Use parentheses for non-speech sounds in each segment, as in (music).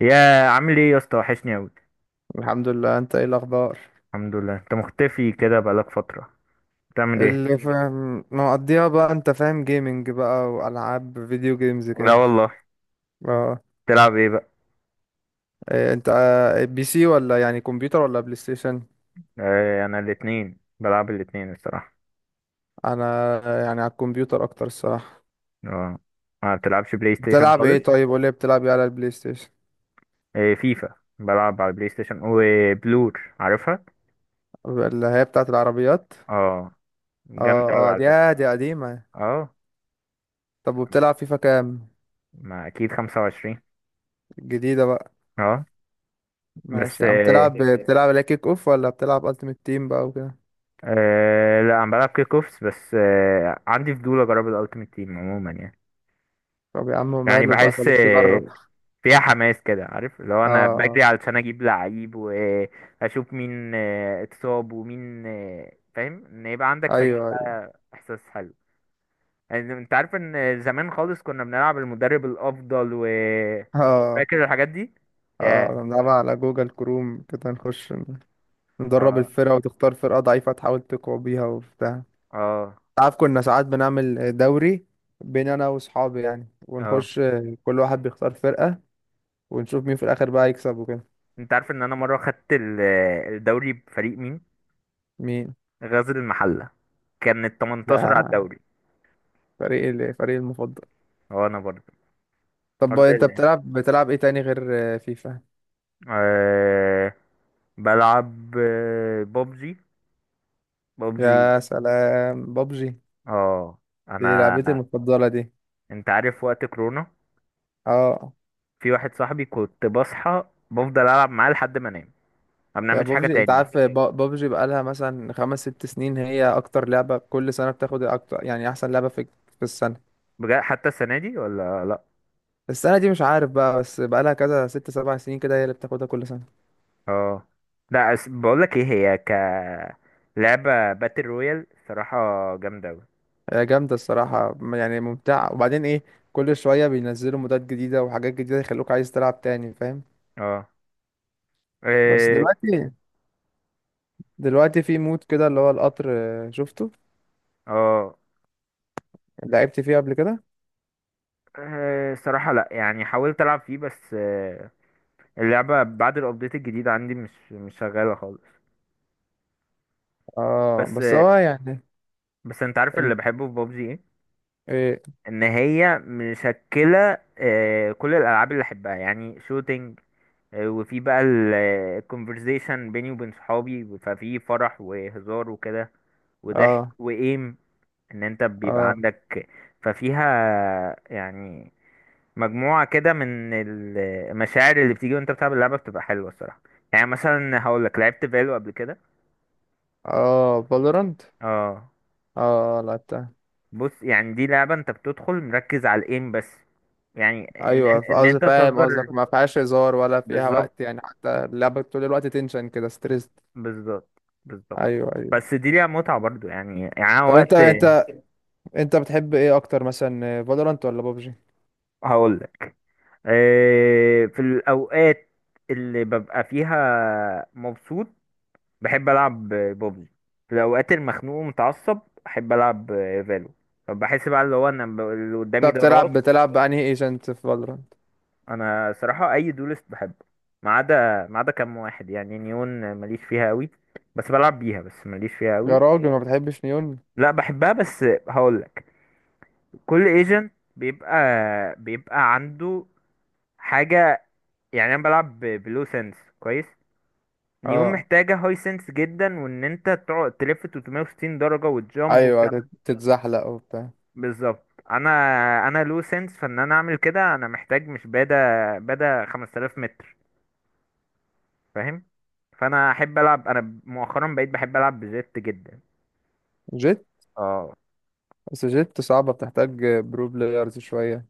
يا عامل ايه يا اسطى؟ وحشني اوي. الحمد لله، انت ايه الاخبار؟ الحمد لله، انت مختفي كده بقالك فترة. بتعمل ايه؟ اللي فاهم مقضيها بقى، انت فاهم جيمنج بقى والعاب فيديو جيمز لا كده. والله. اه. تلعب ايه بقى؟ إيه انت بي سي ولا يعني كمبيوتر ولا بلاي ستيشن؟ آه، انا الاتنين، بلعب الاتنين الصراحة. انا. يعني على الكمبيوتر اكتر الصراحه. اه، ما بتلعبش بلاي ستيشن بتلعب ايه؟ خالص. طيب قول لي، بتلعب ايه على البلاي ستيشن؟ آه، فيفا بلعب على البلاي ستيشن، وبلور عارفها. اللي هي بتاعه العربيات. اه، اه، جامدة اوي اه، على دي فكرة. آه، دي قديمه. اه، طب وبتلعب فيفا كام؟ ما اكيد 25. الجديده بقى؟ اه. بس ماشي، عم تلعب بتلعب لا كيك اوف ولا بتلعب التيمت تيم بقى وكده؟ لا، انا بلعب كيك اوفس بس، عندي فضول اجرب الالتيميت تيم عموما يعني. طب يا عم، يعني ماله بقى، بحس خليك تجرب. اه. فيها حماس كده، عارف؟ لو انا بجري آه. علشان اجيب لعيب واشوف مين اتصاب، ومين فاهم ان يبقى عندك فريق ايوه، ايوه. بقى، احساس حلو. يعني انت عارف ان زمان خالص كنا بنلعب المدرب الافضل، و اه، فاكر الحاجات دي اه، يا نلعبها على جوجل كروم كده، نخش ندرب اه الفرقة، وتختار فرقة ضعيفة تحاول تقوى بيها وبتاع. اه تعرف، كنا ساعات بنعمل دوري بين انا واصحابي يعني، اه ونخش. كل واحد بيختار فرقة، ونشوف مين في الاخر بقى يكسب وكده. انت عارف ان انا مره خدت الدوري بفريق مين؟ مين؟ غزل المحله. كان ال 18 على يا، الدوري. الفريق المفضل. اه انا برضه، طب، انت بتلعب ايه تاني غير فيفا؟ برضه بلعب بابجي، بابجي. يا سلام، بابجي. اه انا، دي لعبتي المفضلة دي. انت عارف وقت كورونا، اه. في واحد صاحبي كنت بصحى بفضل العب معاه لحد ما انام، ما يا بنعملش حاجه بابجي، انت تاني. عارف، بابجي بقالها مثلا 5 6 سنين، هي اكتر لعبة كل سنة بتاخد اكتر، يعني احسن لعبة في السنة. بجد؟ حتى السنه دي ولا لا؟ السنة دي مش عارف بقى، بس بقالها كذا 6 7 سنين كده هي اللي بتاخدها كل سنة. اه. لا أس... بقول لك ايه، هي ك لعبه باتل رويال صراحه جامده قوي. هي جامدة الصراحة، يعني ممتعة، وبعدين ايه، كل شوية بينزلوا مودات جديدة وحاجات جديدة يخلوك عايز تلعب تاني، فاهم؟ اه بس إيه، دلوقتي، في مود كده اللي هو القطر. شفته. اه لعبت فيه قبل كده. صراحه لا، يعني حاولت العب فيه بس آه، اللعبه بعد الابديت الجديد عندي مش شغاله خالص. اه، بس بس هو يعني. بس انت عارف إن- اللي بحبه في بابجي ايه؟ ايه. ان هي مشكله، كل الالعاب اللي احبها يعني شوتينج، وفي بقى الكونفرزيشن بيني وبين صحابي، ففي فرح وهزار وكده وضحك اه، وايم. ان انت بيبقى اه. عندك، ففيها يعني مجموعة كده من المشاعر اللي بتيجي وانت بتلعب اللعبة، بتبقى حلوة الصراحة. يعني مثلا هقول لك لعبت فالو قبل كده. اه، فالورانت. اه. اه، لعبتها. بص، يعني دي لعبة انت بتدخل مركز على الايم بس، يعني ان ايوه، ان قصدي انت فاهم تهزر. قصدك، ما فيهاش هزار ولا فيها بالظبط، وقت، يعني حتى اللعبه طول الوقت تنشن كده، ستريس. بالظبط، بالظبط. ايوه، ايوه. بس دي ليها متعة برضو يعني أنا طب، وقت انت بتحب ايه اكتر، مثلا فالورانت ولا بابجي؟ هقول لك، في الاوقات اللي ببقى فيها مبسوط بحب العب بوبجي. في الاوقات المخنوق ومتعصب احب العب فالو. فبحس بقى، اللي هو انا اللي انت قدامي ده راس. بتلعب بانهي ايجنت في فالورانت؟ انا صراحه اي دولست بحبه، ما عدا كام واحد. يعني نيون ماليش فيها قوي، بس بلعب بيها، بس ماليش فيها يا قوي. راجل، ما بتحبش نيون؟ لا بحبها، بس هقول لك، كل ايجنت بيبقى عنده حاجه. يعني انا بلعب بلو سنس كويس. نيون اه، محتاجه هاي سنس جدا، وان انت تقعد تلف 360 درجه وتجامب ايوه، وتعمل. تتزحلق وبتاع. بالظبط. انا لو سنس، فان انا اعمل كده انا محتاج، مش بادا 5000 متر، فاهم؟ فانا احب العب، انا مؤخرا بقيت بحب العب بجيت جدا. جيت. اه. بس جيت صعبه، بتحتاج برو بلايرز شويه.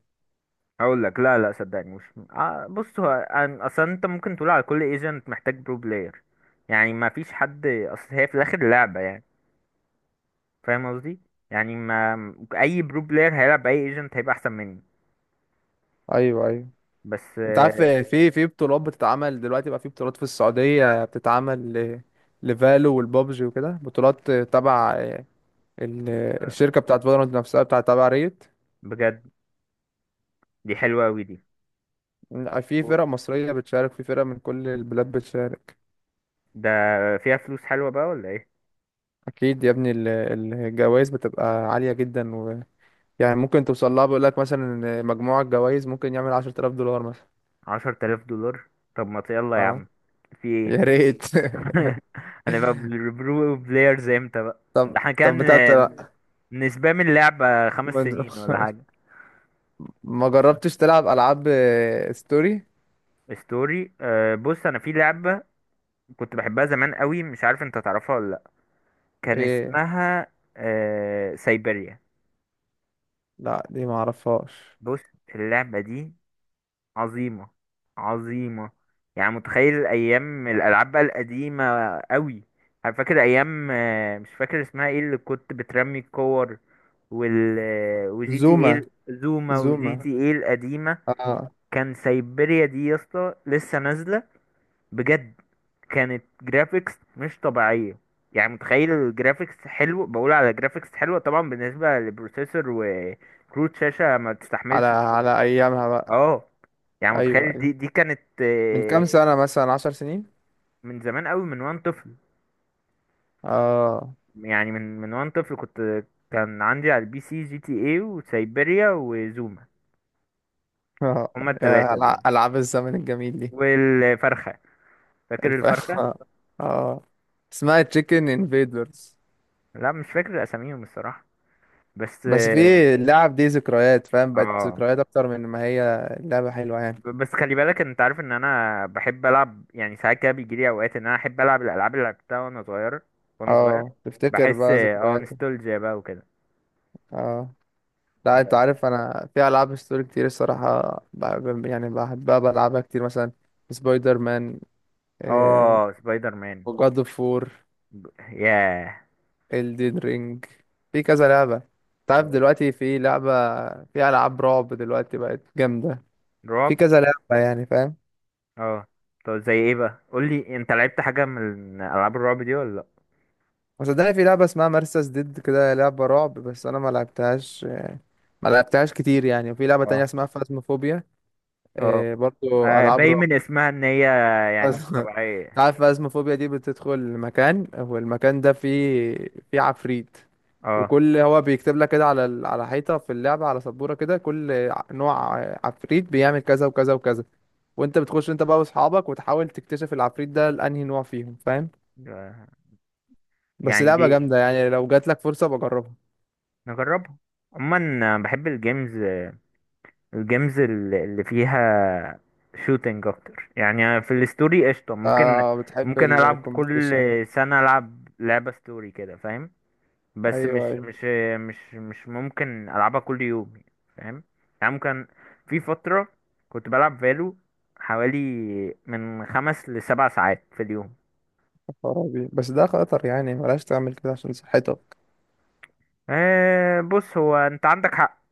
اقول لك، لا لا، صدقني مش. بص، هو اصلا انت ممكن تقول على كل ايجنت محتاج برو بلاير، يعني ما فيش حد، اصل هي في الاخر لعبة يعني. فاهم قصدي؟ يعني ما اي برو بلاير هيلعب اي ايجنت هيبقى احسن مني. ايوه، ايوه. بس انت عارف، آه، في بطولات بتتعمل دلوقتي بقى، في بطولات في السعوديه بتتعمل لفالو، والبابجي وكده، بطولات تبع ال- الشركة بتاعت فالورانت نفسها، بتاعت تبع ريت. بجد؟ دي حلوة أوي دي. إن في و- فرق مصرية بتشارك، في فرق من كل البلاد بتشارك. ده فيها فلوس حلوة بقى ولا ايه؟ أكيد يا ابني. الجوائز بتبقى عالية جدا يعني ممكن توصل لها، بيقول لك مثلا إن مجموع الجوائز ممكن يعمل 10,000 دولار مثلا. 10000 دولار! طب ما يلا يا اه، عم، في يا ايه؟ ريت. (laughs) (laughs) هنبقى برو بلايرز امتى بقى؟ طب ده احنا طب كان بتاعت. نسبة من اللعبة خمس ما سنين ولا حاجة. ما جربتش تلعب ألعاب ستوري. ستوري، بص، انا في لعبة كنت بحبها زمان قوي، مش عارف انت تعرفها ولا لا. كان إيه؟ اسمها سايبيريا. لا، دي ما اعرفهاش. بص، اللعبة دي عظيمة، عظيمة. يعني متخيل أيام الألعاب بقى القديمة أوي. أنا فاكر أيام، مش فاكر اسمها ايه، اللي كنت بترمي الكور وال وجي تي زوما. ايه زوما، وجي زوما. تي ايه القديمة. اه. كان سايبيريا دي يا اسطى لسه نازلة، بجد. كانت جرافيكس مش طبيعية. يعني متخيل الجرافيكس حلو، بقول على جرافيكس حلوة طبعا بالنسبة للبروسيسور، وكروت شاشة ما على تستحملش. على ايامها بقى. اه. يعني ايوه، متخيل دي ايوه. دي كانت من كام سنة، مثلا 10 سنين؟ من زمان قوي، من وانا طفل. اه. يعني من وانا طفل كنت، كان عندي على البي سي جي تي اي وسيبيريا وزوما، (laughs) آه. هما يا، التلاتة دول. ألعاب الزمن الجميل دي. والفرخة، فاكر الف... (laughs) الفرخة؟ اه. اسمها تشيكن انفيدرز. لا، مش فاكر اساميهم الصراحة، بس بس في، اه. اللعب دي ذكريات، فاهم؟ بقت آه. ذكريات أكتر من ما هي لعبة حلوة يعني. بس خلي بالك، انت عارف ان انا بحب العب. يعني ساعات كده بيجيلي اوقات ان انا احب العب الالعاب اللي لعبتها وانا صغير، وانا صغير. اه، تفتكر بحس بقى اه، ذكرياتك. نوستالجيا بقى وكده. اه. لا، انت اه. عارف، انا في العاب ستوري كتير الصراحه بحب، يعني بحبها بلعبها كتير، مثلا سبايدر مان، آه، سبايدر مان. جاد اوف وور، ياه. الدين رينج. في كذا لعبة. تعرف اه. دلوقتي في لعبة، في ألعاب رعب دلوقتي بقت جامدة. في رعب. كذا لعبة يعني، فاهم. اه. طب زي ايه بقى؟ قول لي، انت لعبت حاجه من العاب الرعب دي ولا لا؟ وصدقني، في لعبة اسمها مرسس ديد كده، لعبة رعب، بس أنا ما لعبتهاش، كتير يعني. وفي لعبة اه، تانية اسمها فازموفوبيا. اه. برضو آه، ألعاب باين رعب. من اسمها ان هي يعني مش فاز- (laughs) طبيعيه. تعرف فازموفوبيا دي، بتدخل مكان، والمكان ده فيه عفريت. اه. وكل، هو بيكتب لك كده على على حيطة في اللعبة، على سبورة كده، كل نوع عفريت بيعمل كذا وكذا وكذا. وانت بتخش، انت بقى واصحابك، وتحاول تكتشف العفريت ده لانهي نوع فيهم، فاهم. بس يعني لعبة دي جامدة يعني، لو جات لك فرصة بجربها. نجربها. عموما بحب الجيمز، الجيمز اللي فيها شوتينج اكتر. يعني في الستوري قشطه، ممكن آه بتحب ممكن العب كل الكومبيتيشن. سنه العب لعبه ستوري كده، فاهم؟ بس مش ايوه، ايوه. مش مش مش ممكن العبها كل يوم، يعني، فاهم. يعني ممكن، في فترة كنت بلعب فالو حوالي من 5 لـ 7 ساعات في اليوم. يا خرابي، بس ده خطر يعني، بلاش تعمل كده عشان صحتك. بص، هو انت عندك حق.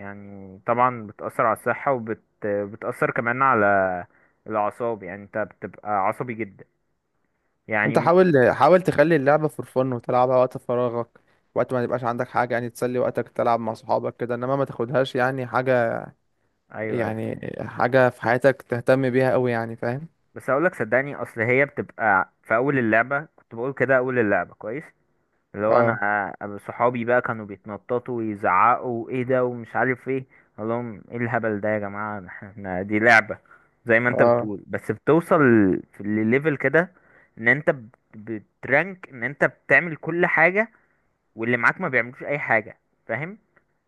يعني طبعا بتأثر على الصحة، بتأثر كمان على الأعصاب. يعني انت بتبقى عصبي جدا. يعني انت م- حاول حاول تخلي اللعبة فور فن وتلعبها وقت فراغك، وقت ما يبقاش عندك حاجة يعني، تسلي وقتك تلعب مع صحابك كده، انما ما تاخدهاش يعني حاجة، ايوه، ايوه. يعني حاجة في حياتك تهتم بيها قوي، يعني فاهم. بس اقولك، صدقني، اصل هي بتبقى في اول اللعبة، كنت بقول كده اول اللعبة كويس لو انا اه، أبقى. صحابي بقى كانوا بيتنططوا ويزعقوا ايه ده ومش عارف ايه، اقول لهم ايه الهبل ده يا جماعه؟ احنا دي لعبه، زي ما انت اه، بتقول. بس بتوصل في الليفل كده ان انت بترانك، ان انت بتعمل كل حاجه واللي معاك ما بيعملوش اي حاجه، فاهم؟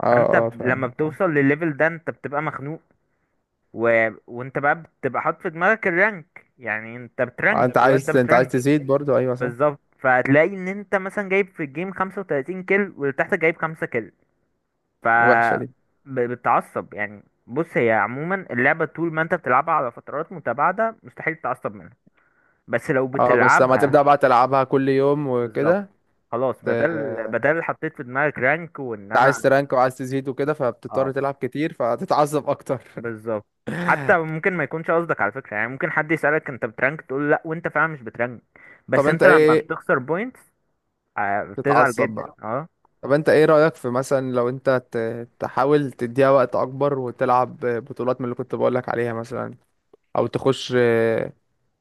اه، فانت اه، لما فعلا. بتوصل للليفل ده انت بتبقى مخنوق، وانت بقى بتبقى حاطط في دماغك الرانك. يعني انت بترانك، انت الواد ده عايز انت عايز بترانك. تزيد برضو، ايوه صح. بالظبط. فهتلاقي ان انت مثلا جايب في الجيم 35 كيل، واللي تحتك جايب 5 كيل، ف الوحشة دي. بتتعصب. يعني بص، هي عموما اللعبة طول ما انت بتلعبها على فترات متباعدة مستحيل تتعصب منها، بس لو اه، بس لما بتلعبها، تبدأ بقى تلعبها كل يوم بالظبط، وكده. خلاص، بدل انت بدل حطيت في دماغك رانك، وان انا. عايز ترانك وعايز تزيد وكده، فبتضطر اه، تلعب كتير فتتعصب اكتر. بالظبط. حتى (laughs) ممكن ما يكونش قصدك على فكرة، يعني ممكن حد يسألك انت بترانك، تقول لا، وانت فعلا مش بترانك. طب بس انت انت لما ايه؟ بتخسر بوينتس بتزعل تتعصب جدا. بقى. اه. طب انت ايه رأيك في، مثلا لو انت تحاول تديها وقت اكبر، وتلعب بطولات من اللي كنت بقولك عليها مثلا، او تخش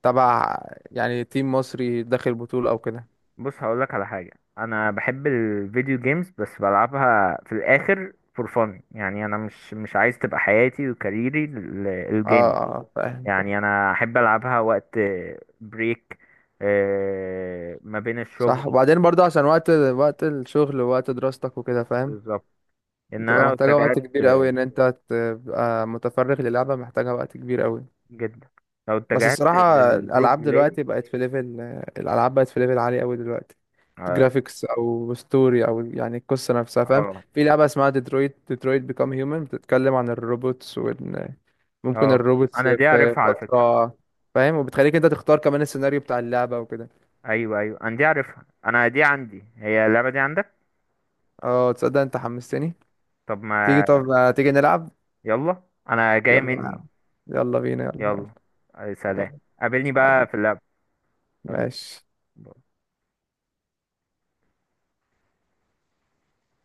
تبع، يعني تيم مصري داخل بطولة او كده. بص هقولك على حاجة، أنا بحب الفيديو جيمز، بس بلعبها في الآخر فور فن. يعني أنا مش عايز تبقى حياتي وكاريري اه، الجيم. اه، فاهم، فاهم. يعني أنا أحب ألعبها وقت بريك ما بين الشغل. صح، وبعدين برضو عشان وقت الشغل، ووقت دراستك وكده، فاهم. بالظبط. إن أنا بتبقى لو محتاجة وقت اتجهت، كبير قوي ان انت تبقى متفرغ للعبة، محتاجة وقت كبير قوي. جدا، لو بس اتجهت الصراحة، للبرو الالعاب بلاير. دلوقتي بقت في ليفل، الالعاب بقت في ليفل عالي قوي دلوقتي. اه، جرافيكس او ستوري او يعني القصة نفسها، فاهم. اه. في لعبة اسمها ديترويت بيكام هيومن، بتتكلم عن الروبوتس. ممكن آه. الروبوتس أنا دي في عارفها على فكرة. فترة، فاهم؟ وبتخليك انت تختار كمان السيناريو بتاع اللعبة وكده. أيوه، أيوه، أنا دي عارفها، أنا دي عندي. هي اللعبة دي عندك؟ اه، تصدق انت حمستني. طب تيجي ما، طب، تيجي نلعب. يلا، أنا جاي يلا مني. نلعب. يلا بينا يلا. يلا. أي سلام. يلا. قابلني بقى حبيبي. في اللعب. يلا. ماشي.